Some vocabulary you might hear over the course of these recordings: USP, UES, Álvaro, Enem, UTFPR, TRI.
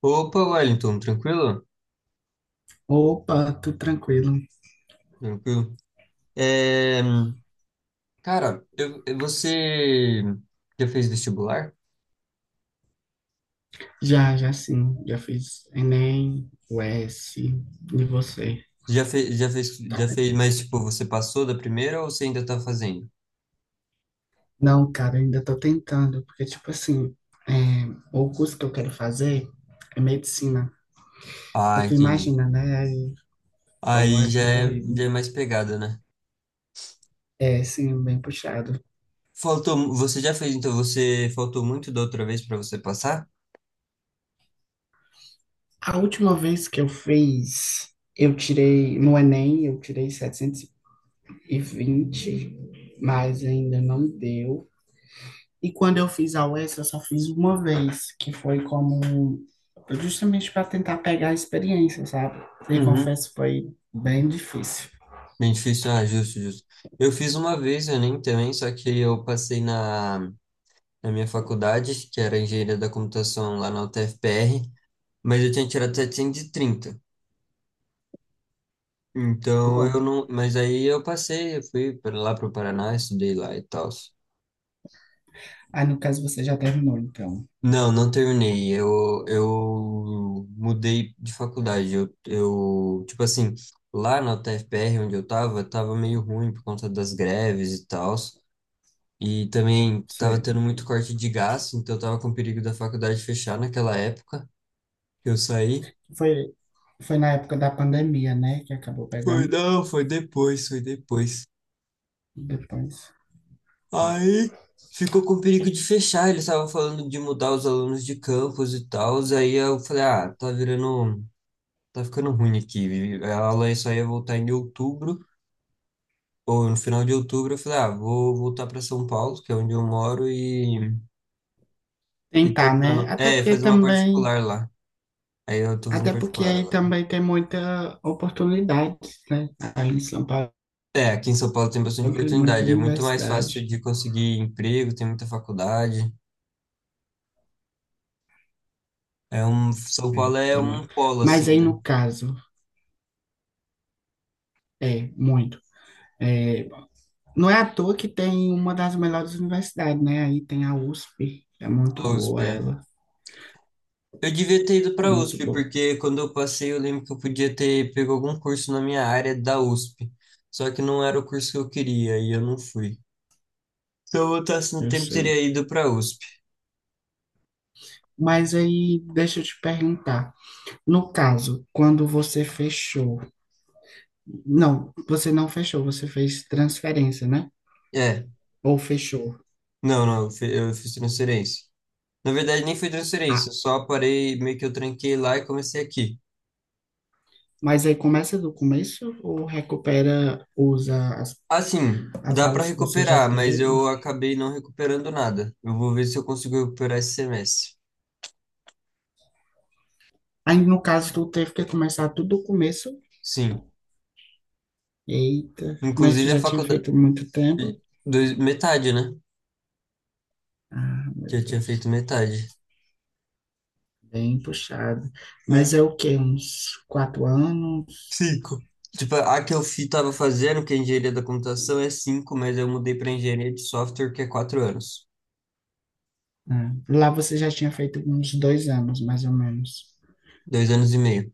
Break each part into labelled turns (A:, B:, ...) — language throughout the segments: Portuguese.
A: Opa, Wellington, tranquilo?
B: Opa, tudo tranquilo.
A: Tranquilo. É, cara, você já fez vestibular?
B: Já, já sim. Já fiz Enem, UES, e você?
A: Já fez, já fez,
B: Tá
A: já
B: bem?
A: fez, mas tipo, você passou da primeira ou você ainda tá fazendo?
B: Não, cara, eu ainda tô tentando, porque, tipo assim, é, o curso que eu quero fazer é medicina. Aí
A: Ah,
B: tu
A: entendi.
B: imagina, né? Aí, como
A: Aí
B: é
A: já é,
B: concorrido.
A: já é mais pegada, né?
B: É, sim, bem puxado.
A: Você já fez, então você faltou muito da outra vez pra você passar?
B: A última vez que eu fiz, eu tirei, no Enem, eu tirei 720, mas ainda não deu. E quando eu fiz a UES, eu só fiz uma vez, que foi como justamente para tentar pegar a experiência, sabe? E
A: Uhum.
B: confesso, que foi bem difícil.
A: Bem difícil, ah, justo, justo. Eu fiz uma vez, eu nem também, só que eu passei na minha faculdade, que era engenharia da computação lá na UTFPR. Mas eu tinha tirado 730.
B: Foi
A: Então
B: bom.
A: eu não. Mas aí eu passei, eu fui para lá pro Paraná, estudei lá e tal.
B: Aí, no caso, você já terminou, então.
A: Não, não terminei. Eu mudei de faculdade. Tipo assim, lá na UTFPR, onde eu tava meio ruim por conta das greves e tal. E também tava
B: Sei.
A: tendo muito corte de gasto, então eu tava com perigo da faculdade fechar naquela época que eu saí.
B: Foi, foi na época da pandemia, né? Que acabou
A: Foi,
B: pegando
A: não, foi depois, foi depois.
B: depois.
A: Aí ficou com perigo de fechar. Eles estavam falando de mudar os alunos de campus e tal. Aí eu falei, ah, tá virando, tá ficando ruim aqui. A aula só ia voltar em outubro, ou no final de outubro. Eu falei, ah, vou voltar para São Paulo, que é onde eu moro, e
B: Tentar, né?
A: terminando.
B: Até
A: É,
B: porque
A: fazer uma
B: também,
A: particular lá. Aí eu tô fazendo
B: até porque
A: particular
B: aí
A: agora.
B: também tem muita oportunidade, né? Aí em São Paulo
A: É, aqui em São Paulo tem bastante
B: tem muita
A: oportunidade. É muito mais fácil
B: universidade.
A: de conseguir emprego, tem muita faculdade. São
B: Tem,
A: Paulo é
B: tem
A: um
B: muito.
A: polo,
B: Mas
A: assim,
B: aí
A: né?
B: no caso, é muito. É, não é à toa que tem uma das melhores universidades, né? Aí tem a USP, é muito
A: Ou,
B: boa
A: é.
B: ela,
A: Eu devia ter ido para a
B: muito
A: USP,
B: boa,
A: porque quando eu passei, eu lembro que eu podia ter pego algum curso na minha área da USP. Só que não era o curso que eu queria e eu não fui. Se eu voltasse no
B: eu
A: tempo,
B: sei.
A: teria ido para a USP.
B: Mas aí, deixa eu te perguntar, no caso, quando você fechou, não, você não fechou, você fez transferência, né?
A: É,
B: Ou fechou.
A: não, não, eu fiz transferência. Na verdade, nem foi
B: Ah,
A: transferência, eu só parei, meio que eu tranquei lá e comecei aqui.
B: mas aí começa do começo ou recupera, usa as,
A: Assim,
B: as
A: dá para
B: aulas que você já
A: recuperar, mas
B: teve?
A: eu acabei não recuperando nada. Eu vou ver se eu consigo recuperar esse semestre.
B: Aí, no caso, tu teve que começar tudo do começo?
A: Sim,
B: Eita, mas tu
A: inclusive a
B: já tinha
A: faculdade,
B: feito muito tempo?
A: metade, né?
B: Meu
A: Que eu tinha
B: Deus,
A: feito metade.
B: bem puxado. Mas
A: É,
B: é o quê? Uns 4 anos?
A: cinco. Tipo, a que tava fazendo, que é engenharia da computação, é cinco, mas eu mudei para engenharia de software, que é 4 anos.
B: É. Lá você já tinha feito uns 2 anos, mais ou menos.
A: 2 anos e meio.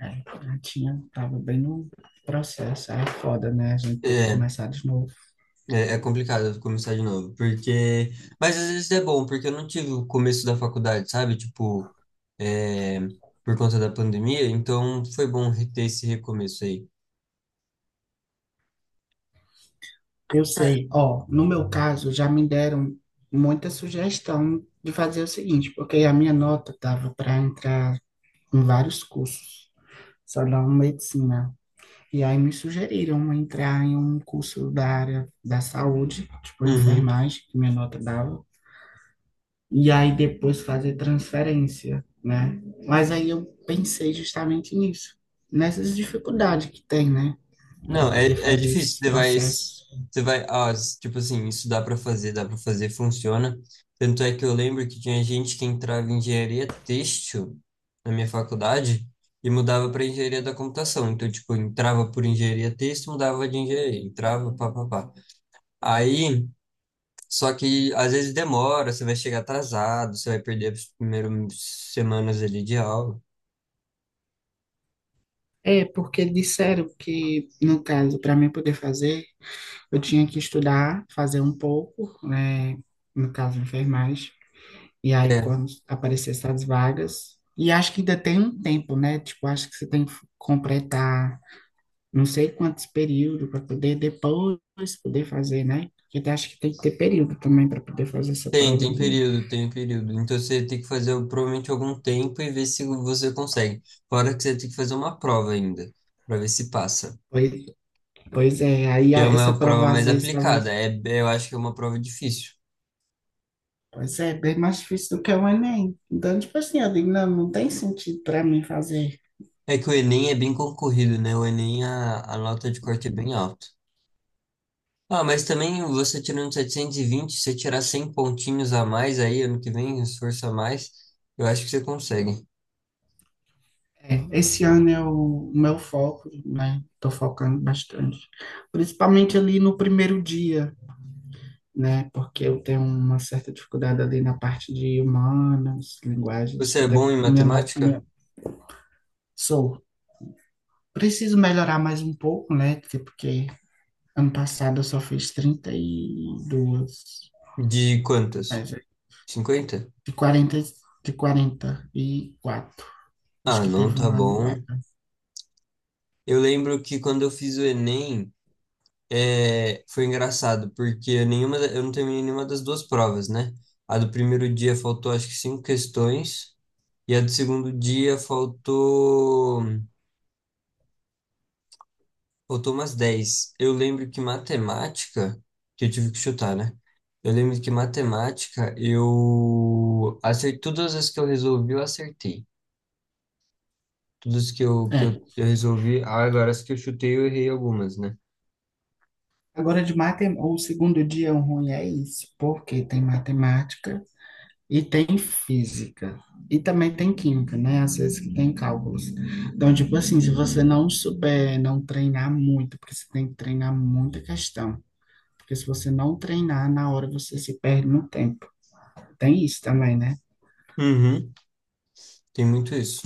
B: É, já tinha, tava bem no processo. Aí é foda, né? A gente ter que
A: É,
B: começar de novo.
A: é complicado começar de novo, porque... Mas às vezes é bom, porque eu não tive o começo da faculdade, sabe? Tipo, é, por conta da pandemia, então foi bom ter esse recomeço aí.
B: Eu sei, ó, no meu caso, já me deram muita sugestão de fazer o seguinte, porque a minha nota tava para entrar em vários cursos, só não medicina. E aí me sugeriram entrar em um curso da área da saúde, tipo
A: Uhum.
B: enfermagem, que minha nota dava, e aí depois fazer transferência, né? Mas aí eu pensei justamente nisso, nessas dificuldades que tem, né, para
A: Não, é,
B: poder
A: é
B: fazer
A: difícil.
B: esses processos.
A: Você vai, ah, s- tipo assim, isso dá para fazer, funciona. Tanto é que eu lembro que tinha gente que entrava em engenharia têxtil na minha faculdade e mudava para engenharia da computação. Então, tipo, entrava por engenharia têxtil, mudava de engenharia, entrava, pá, pá, pá. Aí, só que às vezes demora, você vai chegar atrasado, você vai perder as primeiras semanas ali de aula.
B: É, porque disseram que, no caso, para mim poder fazer, eu tinha que estudar, fazer um pouco, né, no caso enfermagem. E aí,
A: É.
B: quando aparecer essas vagas, e acho que ainda tem um tempo, né? Tipo, acho que você tem que completar não sei quantos períodos para poder depois poder fazer, né? Porque eu acho que tem que ter período também para poder fazer essa
A: Tem,
B: prova
A: tem
B: de.
A: período, tem período. Então você tem que fazer provavelmente algum tempo e ver se você consegue. Fora que você tem que fazer uma prova ainda, para ver se passa.
B: Pois, pois é,
A: E é
B: essa
A: uma prova
B: prova às
A: mais
B: vezes,
A: aplicada.
B: talvez.
A: Eu acho que é uma prova difícil.
B: Pois é, bem mais difícil do que o Enem. Então, tipo assim, eu digo, não, não tem sentido para mim fazer.
A: É que o Enem é bem concorrido, né? O Enem, a nota de corte é bem alta. Ah, mas também você tirando 720, se você tirar 100 pontinhos a mais aí, ano que vem, esforço a mais, eu acho que você consegue.
B: É, esse ano é o meu foco, né? Tô focando bastante. Principalmente ali no primeiro dia, né? Porque eu tenho uma certa dificuldade ali na parte de humanas, linguagens,
A: Você é
B: até
A: bom em
B: minha,
A: matemática?
B: minha. Sou. Preciso melhorar mais um pouco, né? Tipo, porque ano passado eu só fiz 32,
A: De quantas?
B: mas é
A: 50.
B: de 40, de 44. Acho
A: Ah,
B: que
A: não
B: teve
A: tá
B: um anulado.
A: bom. Eu lembro que quando eu fiz o Enem, foi engraçado, porque eu não terminei nenhuma das duas provas, né? A do primeiro dia faltou acho que cinco questões, e a do segundo dia faltou, umas 10. Eu lembro que matemática, que eu tive que chutar, né? Eu lembro que matemática, eu acertei, todas as que eu resolvi, eu acertei. Todas que eu, que eu,
B: É.
A: eu resolvi, ah, agora as que eu chutei, eu errei algumas, né?
B: Agora de matemática, o segundo dia ruim é isso, porque tem matemática e tem física. E também tem química, né? Às vezes que tem cálculos. Então, tipo assim, se você não souber, não treinar muito, porque você tem que treinar muita questão. Porque se você não treinar, na hora você se perde no tempo. Tem isso também, né?
A: Uhum, tem muito isso.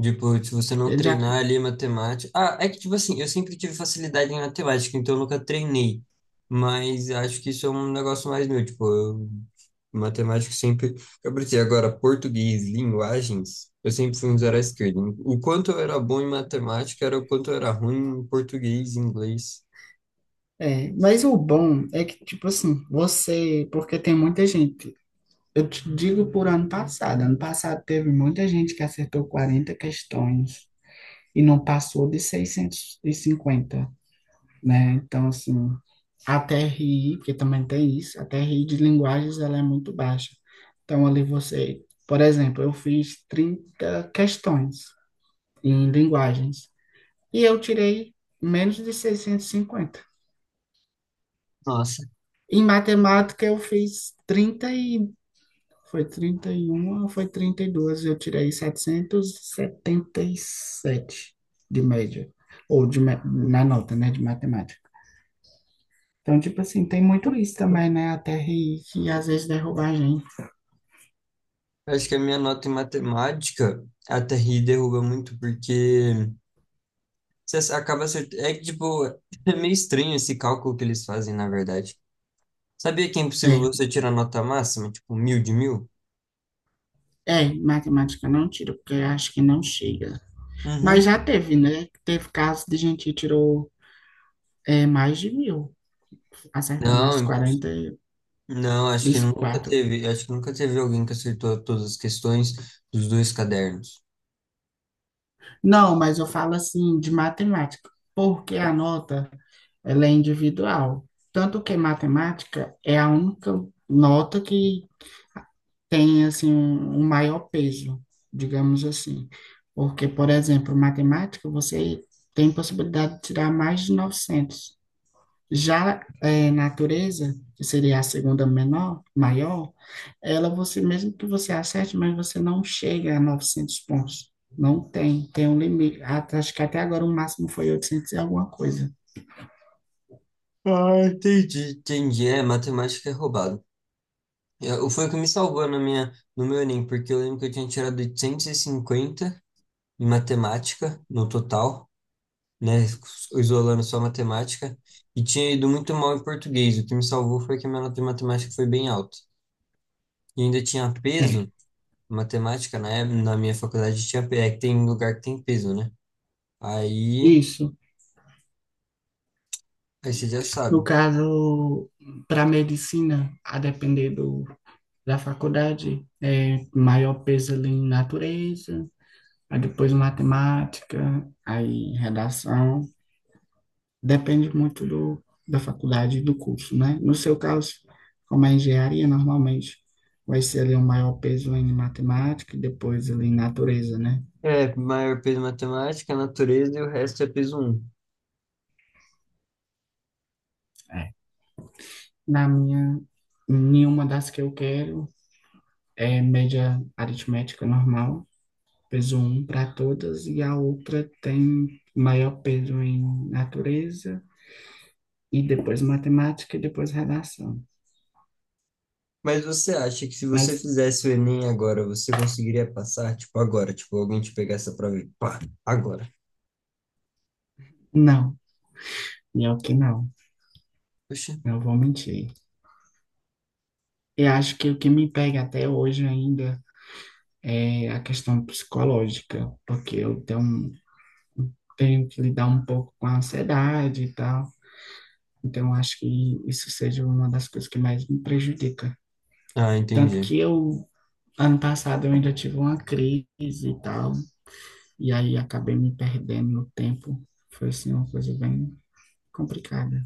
A: Tipo, se você não
B: Eu já,
A: treinar ali matemática. Ah, é que, tipo assim, eu sempre tive facilidade em matemática, então eu nunca treinei. Mas acho que isso é um negócio mais meu. Tipo, matemática sempre. Eu preciso agora, português, linguagens, eu sempre fui um zero à esquerda. O quanto eu era bom em matemática era o quanto eu era ruim em português e inglês.
B: mas o bom é que, tipo assim, você. Porque tem muita gente. Eu te digo por ano passado. Ano passado teve muita gente que acertou 40 questões e não passou de 650, né? Então, assim, a TRI, porque também tem isso, a TRI de linguagens ela é muito baixa. Então, ali você, por exemplo, eu fiz 30 questões em linguagens e eu tirei menos de 650.
A: Nossa,
B: Em matemática, eu fiz 30 e. Foi 31 ou foi 32? Eu tirei 777 de média, ou de, na nota, né, de matemática. Então, tipo assim, tem muito isso também, né? A TRI que às vezes derruba a gente.
A: eu acho que a minha nota em matemática até ri derruba muito, porque você acaba acertando. É que, tipo, é meio estranho esse cálculo que eles fazem, na verdade. Sabia que é impossível
B: É,
A: você tirar nota máxima, tipo 1000 de 1000?
B: é, matemática não tira, porque eu acho que não chega.
A: Uhum.
B: Mas já teve, né? Teve casos de gente que tirou mais de 1000, acertando
A: Não,
B: as
A: imposs-
B: 40 e
A: não, acho que
B: os
A: nunca
B: quatro.
A: teve, acho que nunca teve alguém que acertou todas as questões dos dois cadernos.
B: Não, mas eu falo assim, de matemática, porque a nota, ela é individual. Tanto que matemática é a única nota que tem assim um, um maior peso, digamos assim. Porque, por exemplo, matemática, você tem possibilidade de tirar mais de 900. Já natureza, que seria a segunda menor, maior, ela você mesmo que você acerte, mas você não chega a 900 pontos. Não tem, tem um limite. Até- acho que até agora o máximo foi 800 e alguma coisa.
A: Ah, entendi. Entendi, é, matemática é roubado. Foi o que me salvou na minha, no meu Enem, porque eu lembro que eu tinha tirado 850 em matemática no total, né, isolando só matemática, e tinha ido muito mal em português. O que me salvou foi que a minha nota de matemática foi bem alta. E ainda tinha
B: É,
A: peso, matemática, né? Na minha faculdade tinha, é que tem lugar que tem peso, né? Aí,
B: isso.
A: aí você já
B: No
A: sabe.
B: caso, para medicina, a depender do, da faculdade, é maior peso ali em natureza, aí depois matemática, aí redação. Depende muito do, da faculdade e do curso, né? No seu caso, como é engenharia, normalmente vai ser ali um maior peso em matemática e depois ali em natureza, né?
A: É, maior peso matemática, natureza e o resto é peso um.
B: É. Na minha, nenhuma das que eu quero é média aritmética normal, peso um para todas, e a outra tem maior peso em natureza e depois matemática e depois redação.
A: Mas você acha que se você
B: Mas
A: fizesse o Enem agora, você conseguiria passar? Tipo, agora. Tipo, alguém te pegar essa prova e pá, agora.
B: não, melhor que não,
A: Poxa.
B: não vou mentir. Eu acho que o que me pega até hoje ainda é a questão psicológica, porque eu tenho, tenho que lidar um pouco com a ansiedade e tal. Então, eu acho que isso seja uma das coisas que mais me prejudica.
A: Ah,
B: Tanto
A: entendi.
B: que eu, ano passado, eu ainda tive uma crise e tal, e aí acabei me perdendo no tempo. Foi, assim, uma coisa bem complicada.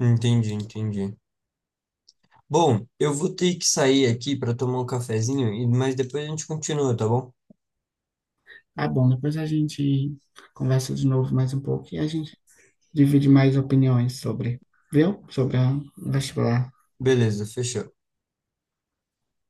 A: Entendi, entendi. Bom, eu vou ter que sair aqui para tomar um cafezinho, mas depois a gente continua, tá bom?
B: Ah, bom, depois a gente conversa de novo mais um pouco e a gente divide mais opiniões sobre, viu? Sobre a o vestibular.
A: Beleza, fechou.